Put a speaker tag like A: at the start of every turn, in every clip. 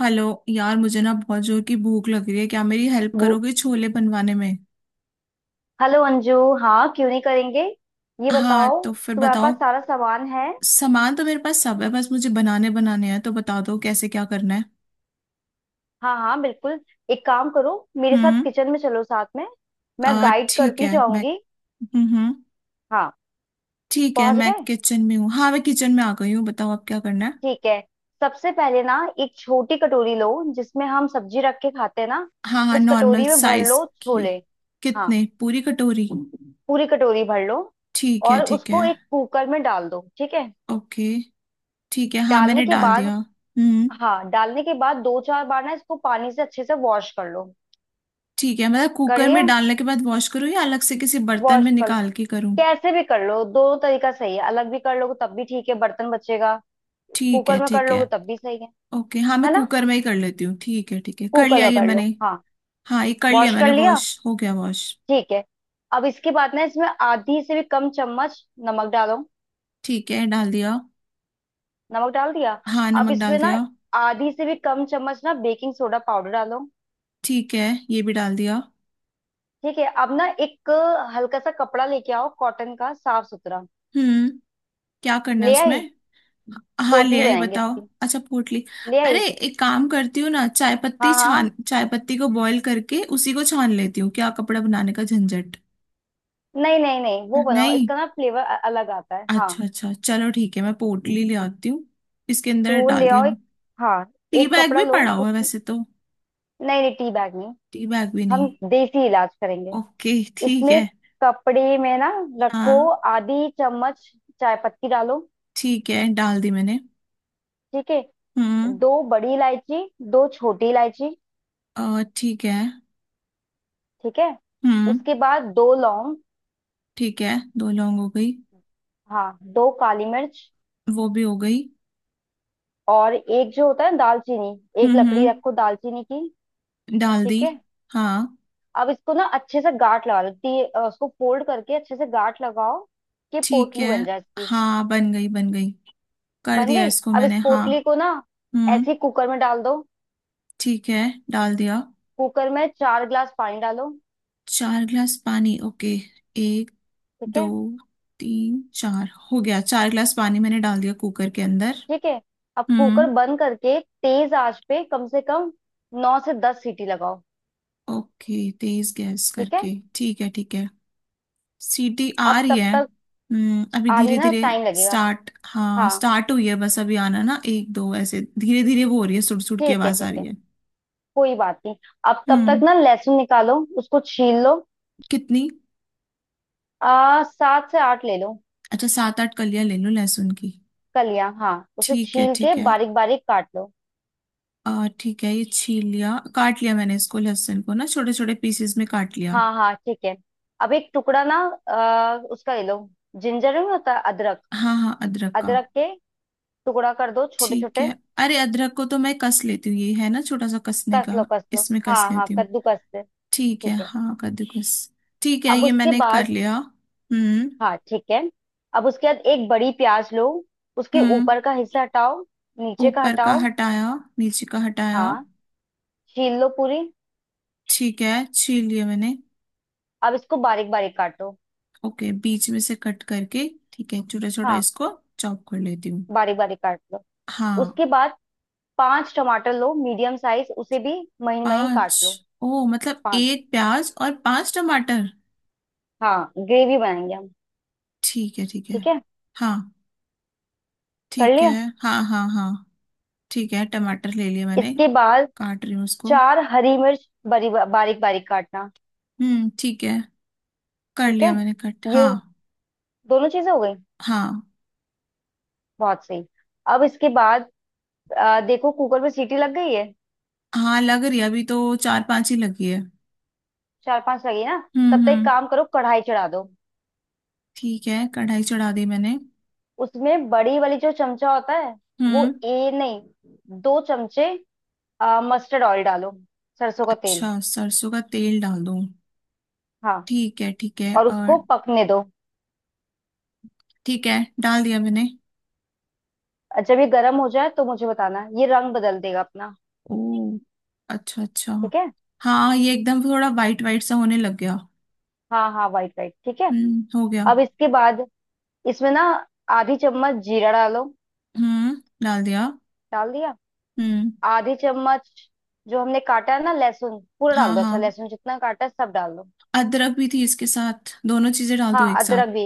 A: Hello यार, मुझे ना बहुत जोर की भूख लग रही है। क्या मेरी हेल्प
B: वो-
A: करोगे छोले बनवाने में?
B: हेलो अंजू। हाँ, क्यों नहीं करेंगे। ये
A: हाँ
B: बताओ,
A: तो फिर
B: तुम्हारे
A: बताओ।
B: पास सारा सामान है?
A: सामान तो मेरे पास सब है, बस मुझे बनाने बनाने हैं तो बता दो कैसे क्या करना है।
B: हाँ हाँ बिल्कुल। एक काम करो, मेरे साथ
A: हम्म।
B: किचन में चलो, साथ में मैं
A: आ
B: गाइड
A: ठीक
B: करती
A: है मैं।
B: जाऊंगी।
A: हम्म हम्म,
B: हाँ।
A: ठीक है
B: पहुंच
A: मैं
B: गए?
A: किचन में हूँ। हाँ, मैं किचन में आ गई हूँ, बताओ अब क्या करना है।
B: ठीक है। सबसे पहले ना एक छोटी कटोरी लो जिसमें हम सब्जी रख के खाते हैं ना।
A: हाँ हाँ,
B: उस
A: नॉर्मल
B: कटोरी में भर
A: साइज
B: लो
A: की।
B: छोले। हाँ,
A: कितने? पूरी कटोरी?
B: पूरी कटोरी भर लो।
A: ठीक है
B: और
A: ठीक है।
B: उसको एक कुकर में डाल दो, ठीक है?
A: ओके। ठीक है, हाँ
B: डालने
A: मैंने
B: के
A: डाल
B: बाद,
A: दिया। हम्म।
B: हाँ, डालने के बाद दो चार बार ना इसको पानी से अच्छे से वॉश कर लो।
A: ठीक है, मतलब
B: कर
A: कुकर में
B: लिया
A: डालने के बाद वॉश करूँ या अलग से किसी बर्तन
B: वॉश
A: में
B: कर।
A: निकाल के करूँ?
B: कैसे भी कर लो, दोनों तरीका सही है, अलग भी कर लोगे तब भी ठीक है, बर्तन बचेगा।
A: ठीक है
B: कुकर में कर
A: ठीक है।
B: लोगे तब भी सही है।
A: ओके, हाँ मैं
B: है ना?
A: कुकर में ही कर लेती हूँ। ठीक है ठीक है, कर
B: कुकर
A: लिया
B: में
A: ये
B: कर लो
A: मैंने।
B: हाँ।
A: हाँ ये कर लिया
B: वॉश
A: मैंने,
B: कर लिया?
A: वॉश हो गया वॉश।
B: ठीक है। अब इसके बाद ना इसमें आधी से भी कम चम्मच नमक डालो।
A: ठीक है, डाल दिया।
B: नमक डाल दिया?
A: हाँ,
B: अब
A: नमक डाल
B: इसमें ना
A: दिया।
B: आधी से भी कम चम्मच ना बेकिंग सोडा पाउडर डालो।
A: ठीक है, ये भी डाल दिया।
B: ठीक है, अब ना एक हल्का सा कपड़ा लेके आओ कॉटन का, साफ सुथरा।
A: हम्म। क्या करना है
B: ले
A: उसमें?
B: आई?
A: हाँ ले
B: पोटली
A: आई,
B: बनाएंगे
A: बताओ।
B: इसकी।
A: अच्छा, पोटली।
B: ले आई?
A: अरे एक काम करती हूँ ना, चाय पत्ती
B: हाँ हाँ,
A: छान, चाय पत्ती को बॉईल करके उसी को छान लेती हूँ, क्या कपड़ा बनाने का झंझट।
B: नहीं नहीं नहीं, वो बनाओ,
A: नहीं।
B: इसका ना फ्लेवर अलग आता है, हाँ।
A: अच्छा अच्छा, चलो ठीक है मैं पोटली ले आती हूँ। इसके
B: तो
A: अंदर
B: वो
A: डाल
B: ले
A: दिया
B: आओ
A: मैं।
B: एक। हाँ,
A: टी
B: एक
A: बैग
B: कपड़ा
A: भी
B: लो
A: पड़ा हुआ
B: उस,
A: है वैसे तो।
B: नहीं नहीं टी बैग नहीं,
A: टी बैग भी
B: हम
A: नहीं?
B: देसी इलाज करेंगे।
A: ओके, ठीक है।
B: इसमें कपड़े में ना रखो
A: हाँ।
B: आधी चम्मच चाय पत्ती डालो।
A: ठीक है, डाल दी मैंने।
B: ठीक है।
A: हम्म।
B: दो बड़ी इलायची, दो छोटी इलायची।
A: ठीक है।
B: ठीक है,
A: हम्म।
B: उसके बाद दो लौंग।
A: ठीक है। दो लौंग हो गई।
B: हाँ, दो काली मिर्च,
A: वो भी हो गई।
B: और एक जो होता है ना दालचीनी, एक लकड़ी
A: हम्म।
B: रखो दालचीनी की।
A: डाल दी।
B: ठीक है।
A: हाँ।
B: अब इसको ना अच्छे से गांठ लगा लो, उसको फोल्ड करके अच्छे से गांठ लगाओ कि
A: ठीक
B: पोटली
A: है।
B: बन जाए इसकी।
A: हाँ बन गई बन गई। कर
B: बन
A: दिया
B: गई,
A: इसको
B: अब इस
A: मैंने, हाँ।
B: पोटली को ना
A: हम्म।
B: ऐसे ही कुकर में डाल दो।
A: ठीक है, डाल दिया।
B: कुकर में 4 गिलास पानी डालो।
A: चार गिलास पानी, ओके। एक,
B: ठीक
A: दो,
B: है
A: तीन, चार, हो गया, 4 गिलास पानी मैंने डाल दिया कुकर के अंदर।
B: ठीक है। अब कुकर
A: हम्म।
B: बंद करके तेज आंच पे कम से कम नौ से दस सीटी लगाओ।
A: ओके। तेज गैस
B: ठीक है।
A: करके, ठीक है ठीक है। सीटी आ
B: अब
A: रही
B: तब
A: है।
B: तक
A: हम्म, अभी
B: आ रही
A: धीरे
B: ना,
A: धीरे
B: टाइम लगेगा
A: स्टार्ट, हाँ
B: हाँ,
A: स्टार्ट हुई है, बस अभी आना ना 1-2 ऐसे धीरे धीरे। वो हो रही है, सुड़ सुड़ की
B: ठीक है
A: आवाज आ
B: ठीक
A: रही
B: है,
A: है।
B: कोई बात नहीं। अब तब तक
A: हम्म।
B: ना लहसुन निकालो, उसको छील लो।
A: कितनी?
B: आ सात से आठ ले लो।
A: अच्छा, 7-8 कलियां ले लो लहसुन की।
B: कलियां हाँ, उसे
A: ठीक है
B: छील के
A: ठीक है।
B: बारीक बारीक काट लो।
A: आ ठीक है, ये छील लिया काट लिया मैंने, इसको लहसुन को ना छोटे छोटे पीसेस में काट लिया।
B: हाँ हाँ ठीक है। अब एक टुकड़ा ना, उसका ले लो, जिंजर नहीं होता अदरक,
A: हाँ हाँ, अदरक का।
B: अदरक के टुकड़ा कर दो छोटे
A: ठीक
B: छोटे।
A: है। अरे अदरक को तो मैं कस लेती हूँ, ये है ना छोटा सा कसने
B: कस
A: का,
B: लो कस लो,
A: इसमें कस
B: हाँ हाँ
A: लेती हूँ।
B: कद्दूकस से।
A: ठीक
B: ठीक
A: है,
B: है।
A: हाँ कद्दूकस। ठीक है,
B: अब
A: ये
B: उसके
A: मैंने कर
B: बाद,
A: लिया। हम्म।
B: हाँ ठीक है, अब उसके बाद एक बड़ी प्याज लो, उसके
A: हम्म।
B: ऊपर का हिस्सा हटाओ, नीचे का
A: ऊपर का
B: हटाओ।
A: हटाया। नीचे का हटाया।
B: हाँ, छील लो पूरी।
A: ठीक है, छील लिया मैंने।
B: अब इसको बारीक बारीक काटो,
A: ओके, बीच में से कट करके ठीक है, छोटा छोटा
B: हाँ
A: इसको चॉप कर लेती हूँ।
B: बारीक बारीक काट लो।
A: हाँ।
B: उसके बाद पांच टमाटर लो मीडियम साइज, उसे भी महीन महीन
A: पांच?
B: काट लो।
A: ओ मतलब
B: पांच,
A: 1 प्याज और 5 टमाटर।
B: हाँ ग्रेवी बनाएंगे हम।
A: ठीक है ठीक है।
B: ठीक है,
A: हाँ।
B: कर
A: ठीक है।
B: लिया।
A: हाँ हाँ हाँ, ठीक है टमाटर ले लिया मैंने,
B: इसके बाद
A: काट रही हूँ उसको।
B: चार हरी मिर्च, बरी बारीक बारीक काटना।
A: हम्म, ठीक है, कर
B: ठीक
A: लिया
B: है,
A: मैंने कट,
B: ये
A: हाँ।
B: दोनों चीजें हो गई।
A: हाँ,
B: बहुत सही। अब इसके बाद देखो कुकर में सीटी लग गई है।
A: हाँ लग रही है, अभी तो 4-5 ही लगी है।
B: चार पांच लगी ना, तब तक एक
A: हम्म।
B: काम करो कढ़ाई चढ़ा दो।
A: ठीक है, कढ़ाई चढ़ा दी मैंने।
B: उसमें बड़ी वाली जो चमचा होता है, वो
A: हम्म।
B: ए नहीं, दो चमचे मस्टर्ड ऑयल डालो, सरसों का तेल,
A: अच्छा, सरसों का तेल डाल दूँ?
B: हाँ।
A: ठीक है ठीक है,
B: और उसको
A: और?
B: पकने दो,
A: ठीक है, डाल दिया मैंने।
B: जब ये गर्म हो जाए तो मुझे बताना, ये रंग बदल देगा अपना।
A: ओ, अच्छा अच्छा।
B: ठीक है,
A: हाँ, ये एकदम थोड़ा वाइट वाइट सा होने लग गया।
B: हाँ हाँ वाइट वाइट ठीक है।
A: हम्म, हो गया।
B: अब इसके बाद इसमें ना आधी चम्मच जीरा डालो।
A: हम्म, डाल दिया।
B: डाल दिया?
A: हम्म।
B: आधी चम्मच। जो हमने काटा है ना लहसुन पूरा
A: हाँ
B: डाल दो, अच्छा
A: हाँ,
B: लहसुन जितना काटा है सब डाल दो,
A: अदरक भी थी इसके साथ, दोनों चीजें डाल दूं
B: हाँ
A: एक साथ?
B: अदरक भी,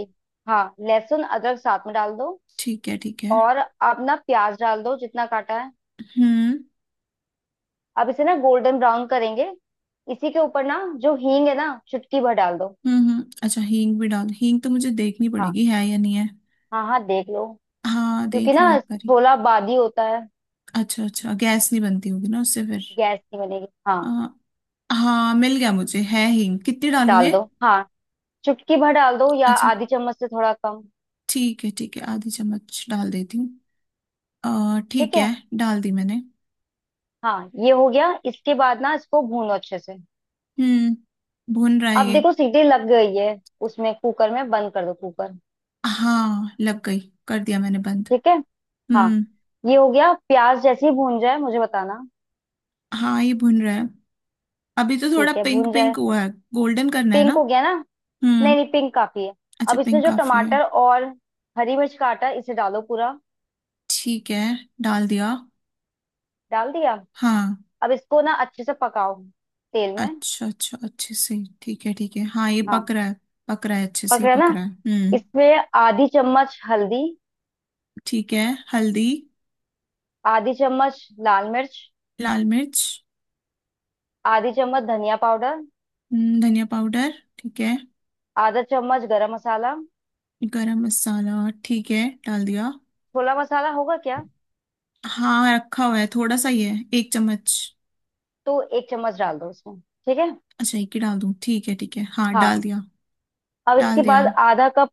B: हाँ लहसुन अदरक साथ में डाल दो,
A: ठीक है ठीक है।
B: और अब ना प्याज डाल दो जितना काटा है।
A: हम्म।
B: अब इसे ना गोल्डन ब्राउन करेंगे, इसी के ऊपर ना जो हींग है ना चुटकी भर डाल दो।
A: हम्म, अच्छा हींग भी डाल, हींग तो मुझे देखनी
B: हाँ
A: पड़ेगी है या नहीं है।
B: हाँ, हाँ देख लो,
A: हाँ,
B: क्योंकि
A: देख लो
B: ना
A: एक बारी।
B: छोला बादी होता है,
A: अच्छा अच्छा, गैस नहीं बनती होगी ना उससे फिर।
B: गैस की बनेगी हाँ।
A: हाँ, हाँ मिल गया मुझे, है हींग, कितनी डालूं
B: डाल
A: ये?
B: दो हाँ, चुटकी भर डाल दो या
A: अच्छा,
B: आधी चम्मच से थोड़ा कम।
A: ठीक है ½ चम्मच डाल देती हूँ।
B: ठीक
A: ठीक
B: है,
A: है। डाल दी मैंने।
B: हाँ ये हो गया, इसके बाद ना इसको भूनो अच्छे से।
A: हम्म, भुन रहा है
B: अब
A: ये।
B: देखो सीटी लग गई है उसमें कुकर में, बंद कर दो कुकर।
A: हाँ लग गई, कर दिया मैंने बंद।
B: ठीक है हाँ,
A: हम्म।
B: ये हो गया। प्याज जैसे ही भून जाए मुझे बताना,
A: हाँ ये भुन रहा है, अभी तो थोड़ा
B: ठीक है भून
A: पिंक
B: जाए।
A: पिंक हुआ है। गोल्डन करना है
B: पिंक हो
A: ना?
B: गया ना? नहीं
A: हम्म।
B: नहीं पिंक काफी है।
A: अच्छा,
B: अब इसमें
A: पिंक
B: जो
A: काफी है।
B: टमाटर और हरी मिर्च का आटा है, इसे डालो पूरा।
A: ठीक है, डाल दिया।
B: डाल दिया?
A: हाँ।
B: अब इसको ना अच्छे से पकाओ तेल में।
A: अच्छा अच्छा, अच्छे से। ठीक है ठीक है, हाँ ये
B: हाँ
A: पक रहा है। पक रहा है, अच्छे से
B: पक
A: ही
B: रहा है
A: पक
B: ना?
A: रहा है। हम्म।
B: इसमें आधी चम्मच हल्दी,
A: ठीक है। हल्दी।
B: आधी चम्मच लाल मिर्च,
A: लाल मिर्च।
B: आधी चम्मच धनिया पाउडर,
A: धनिया पाउडर। ठीक है।
B: आधा चम्मच गरम मसाला,
A: गरम मसाला। ठीक है, डाल दिया।
B: छोला मसाला होगा क्या?
A: हाँ रखा हुआ है, थोड़ा सा ही है, 1 चम्मच।
B: तो एक चम्मच डाल दो इसमें। ठीक है
A: अच्छा, एक ही डाल दूं, ठीक है ठीक है, हाँ
B: हाँ।
A: डाल दिया।
B: अब
A: डाल
B: इसके
A: दिया।
B: बाद आधा कप,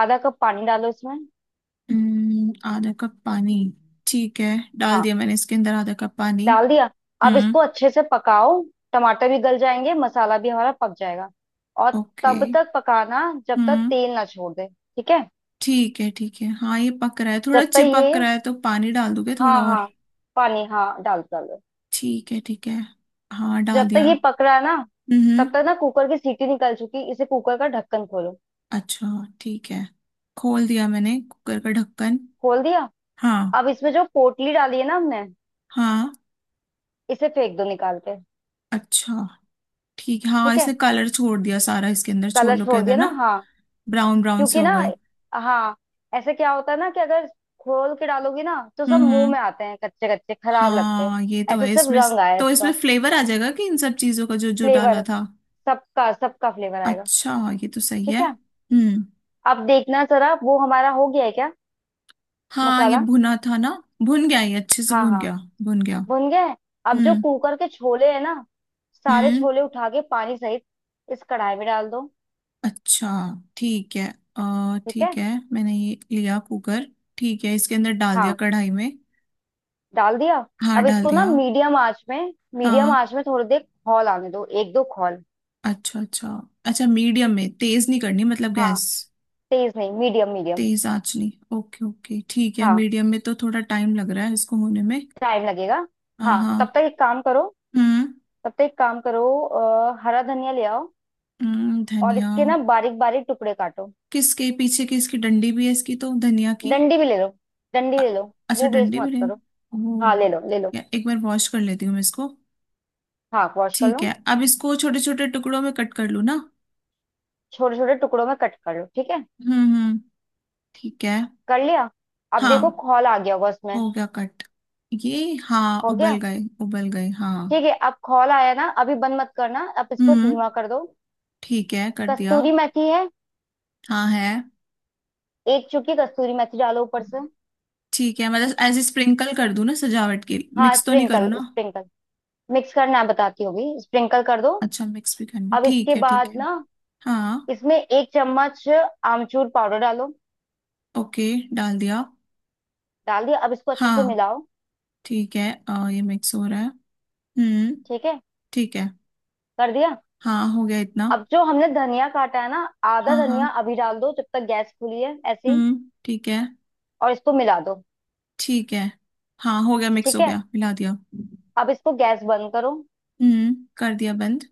B: आधा कप पानी डालो इसमें।
A: ½ कप पानी। ठीक है। डाल
B: हाँ
A: दिया मैंने इसके अंदर ½ कप पानी।
B: डाल दिया। अब
A: हम्म।
B: इसको अच्छे से पकाओ, टमाटर भी गल जाएंगे, मसाला भी हमारा पक जाएगा, और
A: ओके।
B: तब तक पकाना जब तक
A: हम्म।
B: तेल ना छोड़ दे, ठीक है?
A: ठीक है ठीक है, हाँ ये पक रहा है, थोड़ा
B: जब तक
A: चिपक
B: ये,
A: रहा है तो पानी डाल दोगे थोड़ा
B: हाँ
A: और?
B: हाँ, पानी हाँ डाल डाल।
A: ठीक है ठीक है, हाँ
B: जब
A: डाल
B: तक ये
A: दिया।
B: पक रहा है ना,
A: हम्म।
B: तब तक ना कुकर की सीटी निकल चुकी, इसे कुकर का ढक्कन खोलो।
A: अच्छा, ठीक है। खोल दिया मैंने कुकर का ढक्कन।
B: खोल दिया?
A: हाँ।
B: अब इसमें जो पोटली डाली है ना हमने,
A: हाँ।
B: इसे फेंक दो निकाल के।
A: अच्छा। ठीक है, हाँ
B: ठीक है,
A: इसने कलर छोड़ दिया सारा, इसके अंदर
B: कलर
A: छोलों के
B: छोड़
A: अंदर
B: दिया ना,
A: ना।
B: हाँ,
A: ब्राउन ब्राउन से
B: क्योंकि
A: हो
B: ना,
A: गए।
B: हाँ ऐसे क्या होता है ना कि अगर खोल के डालोगी ना तो सब मुंह
A: हम्म।
B: में आते हैं कच्चे कच्चे, खराब लगते हैं।
A: हाँ, ये तो
B: ऐसे
A: है
B: सिर्फ
A: इसमें।
B: रंग आया
A: तो इसमें
B: इसका,
A: फ्लेवर आ जाएगा कि इन सब चीजों का जो जो डाला
B: फ्लेवर
A: था।
B: सबका सबका फ्लेवर आएगा।
A: अच्छा, ये तो सही
B: ठीक
A: है।
B: है।
A: हम्म।
B: अब देखना जरा वो हमारा हो गया है क्या
A: हाँ ये
B: मसाला?
A: भुना था ना? भुन गया, ये अच्छे से
B: हाँ
A: भुन
B: हाँ
A: गया। भुन गया।
B: भुन गए। अब जो
A: हम्म।
B: कुकर के छोले है ना, सारे
A: हम्म।
B: छोले उठा के पानी सहित इस कढ़ाई में डाल दो।
A: अच्छा। ठीक है। आ
B: ठीक
A: ठीक
B: है,
A: है, मैंने ये लिया कुकर। ठीक है, इसके अंदर डाल दिया
B: हाँ
A: कढ़ाई में।
B: डाल दिया।
A: हाँ
B: अब
A: डाल
B: इसको ना
A: दिया।
B: मीडियम आंच में, मीडियम
A: हाँ।
B: आंच में थोड़ी देर खौल आने दो, एक दो खौल।
A: अच्छा अच्छा। अच्छा, मीडियम में तेज नहीं करनी मतलब
B: हाँ
A: गैस?
B: तेज नहीं, मीडियम मीडियम,
A: तेज आंच नहीं, ओके ओके, ठीक है।
B: हाँ
A: मीडियम में तो थोड़ा टाइम लग रहा है इसको होने में।
B: टाइम लगेगा, हाँ तब
A: हाँ।
B: तक एक काम करो,
A: हम्म।
B: तब तक एक काम करो हरा धनिया ले आओ
A: हम्म,
B: और
A: धनिया।
B: इसके ना बारीक बारीक टुकड़े काटो।
A: किसके पीछे की इसकी डंडी भी है, इसकी तो धनिया की।
B: डंडी भी ले लो, डंडी
A: अ-
B: ले लो,
A: अच्छा,
B: वो वेस्ट
A: डंडी भी
B: मत
A: रहेगी।
B: करो,
A: ओह,
B: हाँ ले लो ले लो,
A: या एक बार वॉश कर लेती हूँ मैं इसको।
B: हाँ वॉश कर
A: ठीक
B: लो,
A: है, अब इसको छोटे छोटे टुकड़ों में कट कर लूँ ना?
B: छोटे छोटे टुकड़ों में कट कर लो। ठीक है
A: हम्म। ठीक है।
B: कर लिया। अब देखो
A: हाँ
B: खौल आ गया होगा उसमें,
A: हो गया कट, ये, हाँ
B: हो
A: उबल
B: गया?
A: गए। उबल गए, हाँ।
B: ठीक है, अब खौल आया ना, अभी बंद मत करना, अब इसको
A: हम्म,
B: धीमा कर दो।
A: ठीक है कर दिया।
B: कस्तूरी मेथी है?
A: हाँ है।
B: एक चुटकी कस्तूरी मेथी डालो ऊपर से,
A: ठीक है, मतलब ऐसे स्प्रिंकल कर दूँ ना सजावट के,
B: हाँ
A: मिक्स तो नहीं करूँ
B: स्प्रिंकल
A: ना?
B: स्प्रिंकल, मिक्स करना है, बताती होगी स्प्रिंकल कर दो।
A: अच्छा, मिक्स भी करना,
B: अब
A: ठीक
B: इसके
A: है ठीक
B: बाद
A: है।
B: ना
A: हाँ।
B: इसमें एक चम्मच आमचूर पाउडर डालो।
A: ओके, डाल दिया।
B: डाल दिया? अब इसको अच्छे से
A: हाँ,
B: मिलाओ।
A: ठीक है। ये मिक्स हो रहा है। हम्म।
B: ठीक है
A: ठीक है।
B: कर दिया।
A: हाँ हो गया इतना।
B: अब जो हमने धनिया काटा है ना, आधा
A: हाँ हाँ।
B: धनिया अभी डाल दो जब तक गैस खुली है ऐसे ही,
A: हम्म, ठीक है
B: और इसको मिला दो।
A: ठीक है। हाँ हो गया, मिक्स
B: ठीक
A: हो
B: है।
A: गया, मिला दिया।
B: अब इसको गैस बंद करो।
A: हम्म, कर दिया बंद।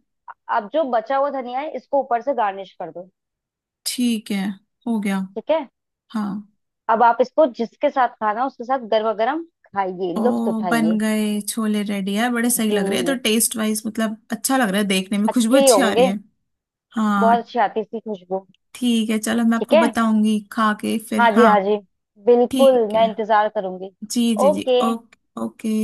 B: अब जो बचा हुआ धनिया है इसको ऊपर से गार्निश कर दो।
A: ठीक है, हो गया।
B: ठीक है।
A: हाँ।
B: अब आप इसको जिसके साथ खाना है उसके साथ गर्मा गर्म खाइए, लुफ्त
A: ओ, बन
B: उठाइए।
A: गए छोले, रेडी है, बड़े सही लग रहे हैं, तो
B: जी,
A: टेस्ट वाइज मतलब अच्छा लग रहा है, देखने में खुशबू
B: अच्छे ही
A: अच्छी आ रही
B: होंगे।
A: है। हाँ,
B: बहुत अच्छी आती है इसकी खुशबू।
A: ठीक है चलो, मैं
B: ठीक
A: आपको
B: है,
A: बताऊंगी खा के फिर,
B: हाँ जी
A: हाँ।
B: हाँ जी, बिल्कुल
A: ठीक
B: मैं
A: है,
B: इंतजार करूंगी।
A: जी जी जी,
B: ओके।
A: ओके। ओके।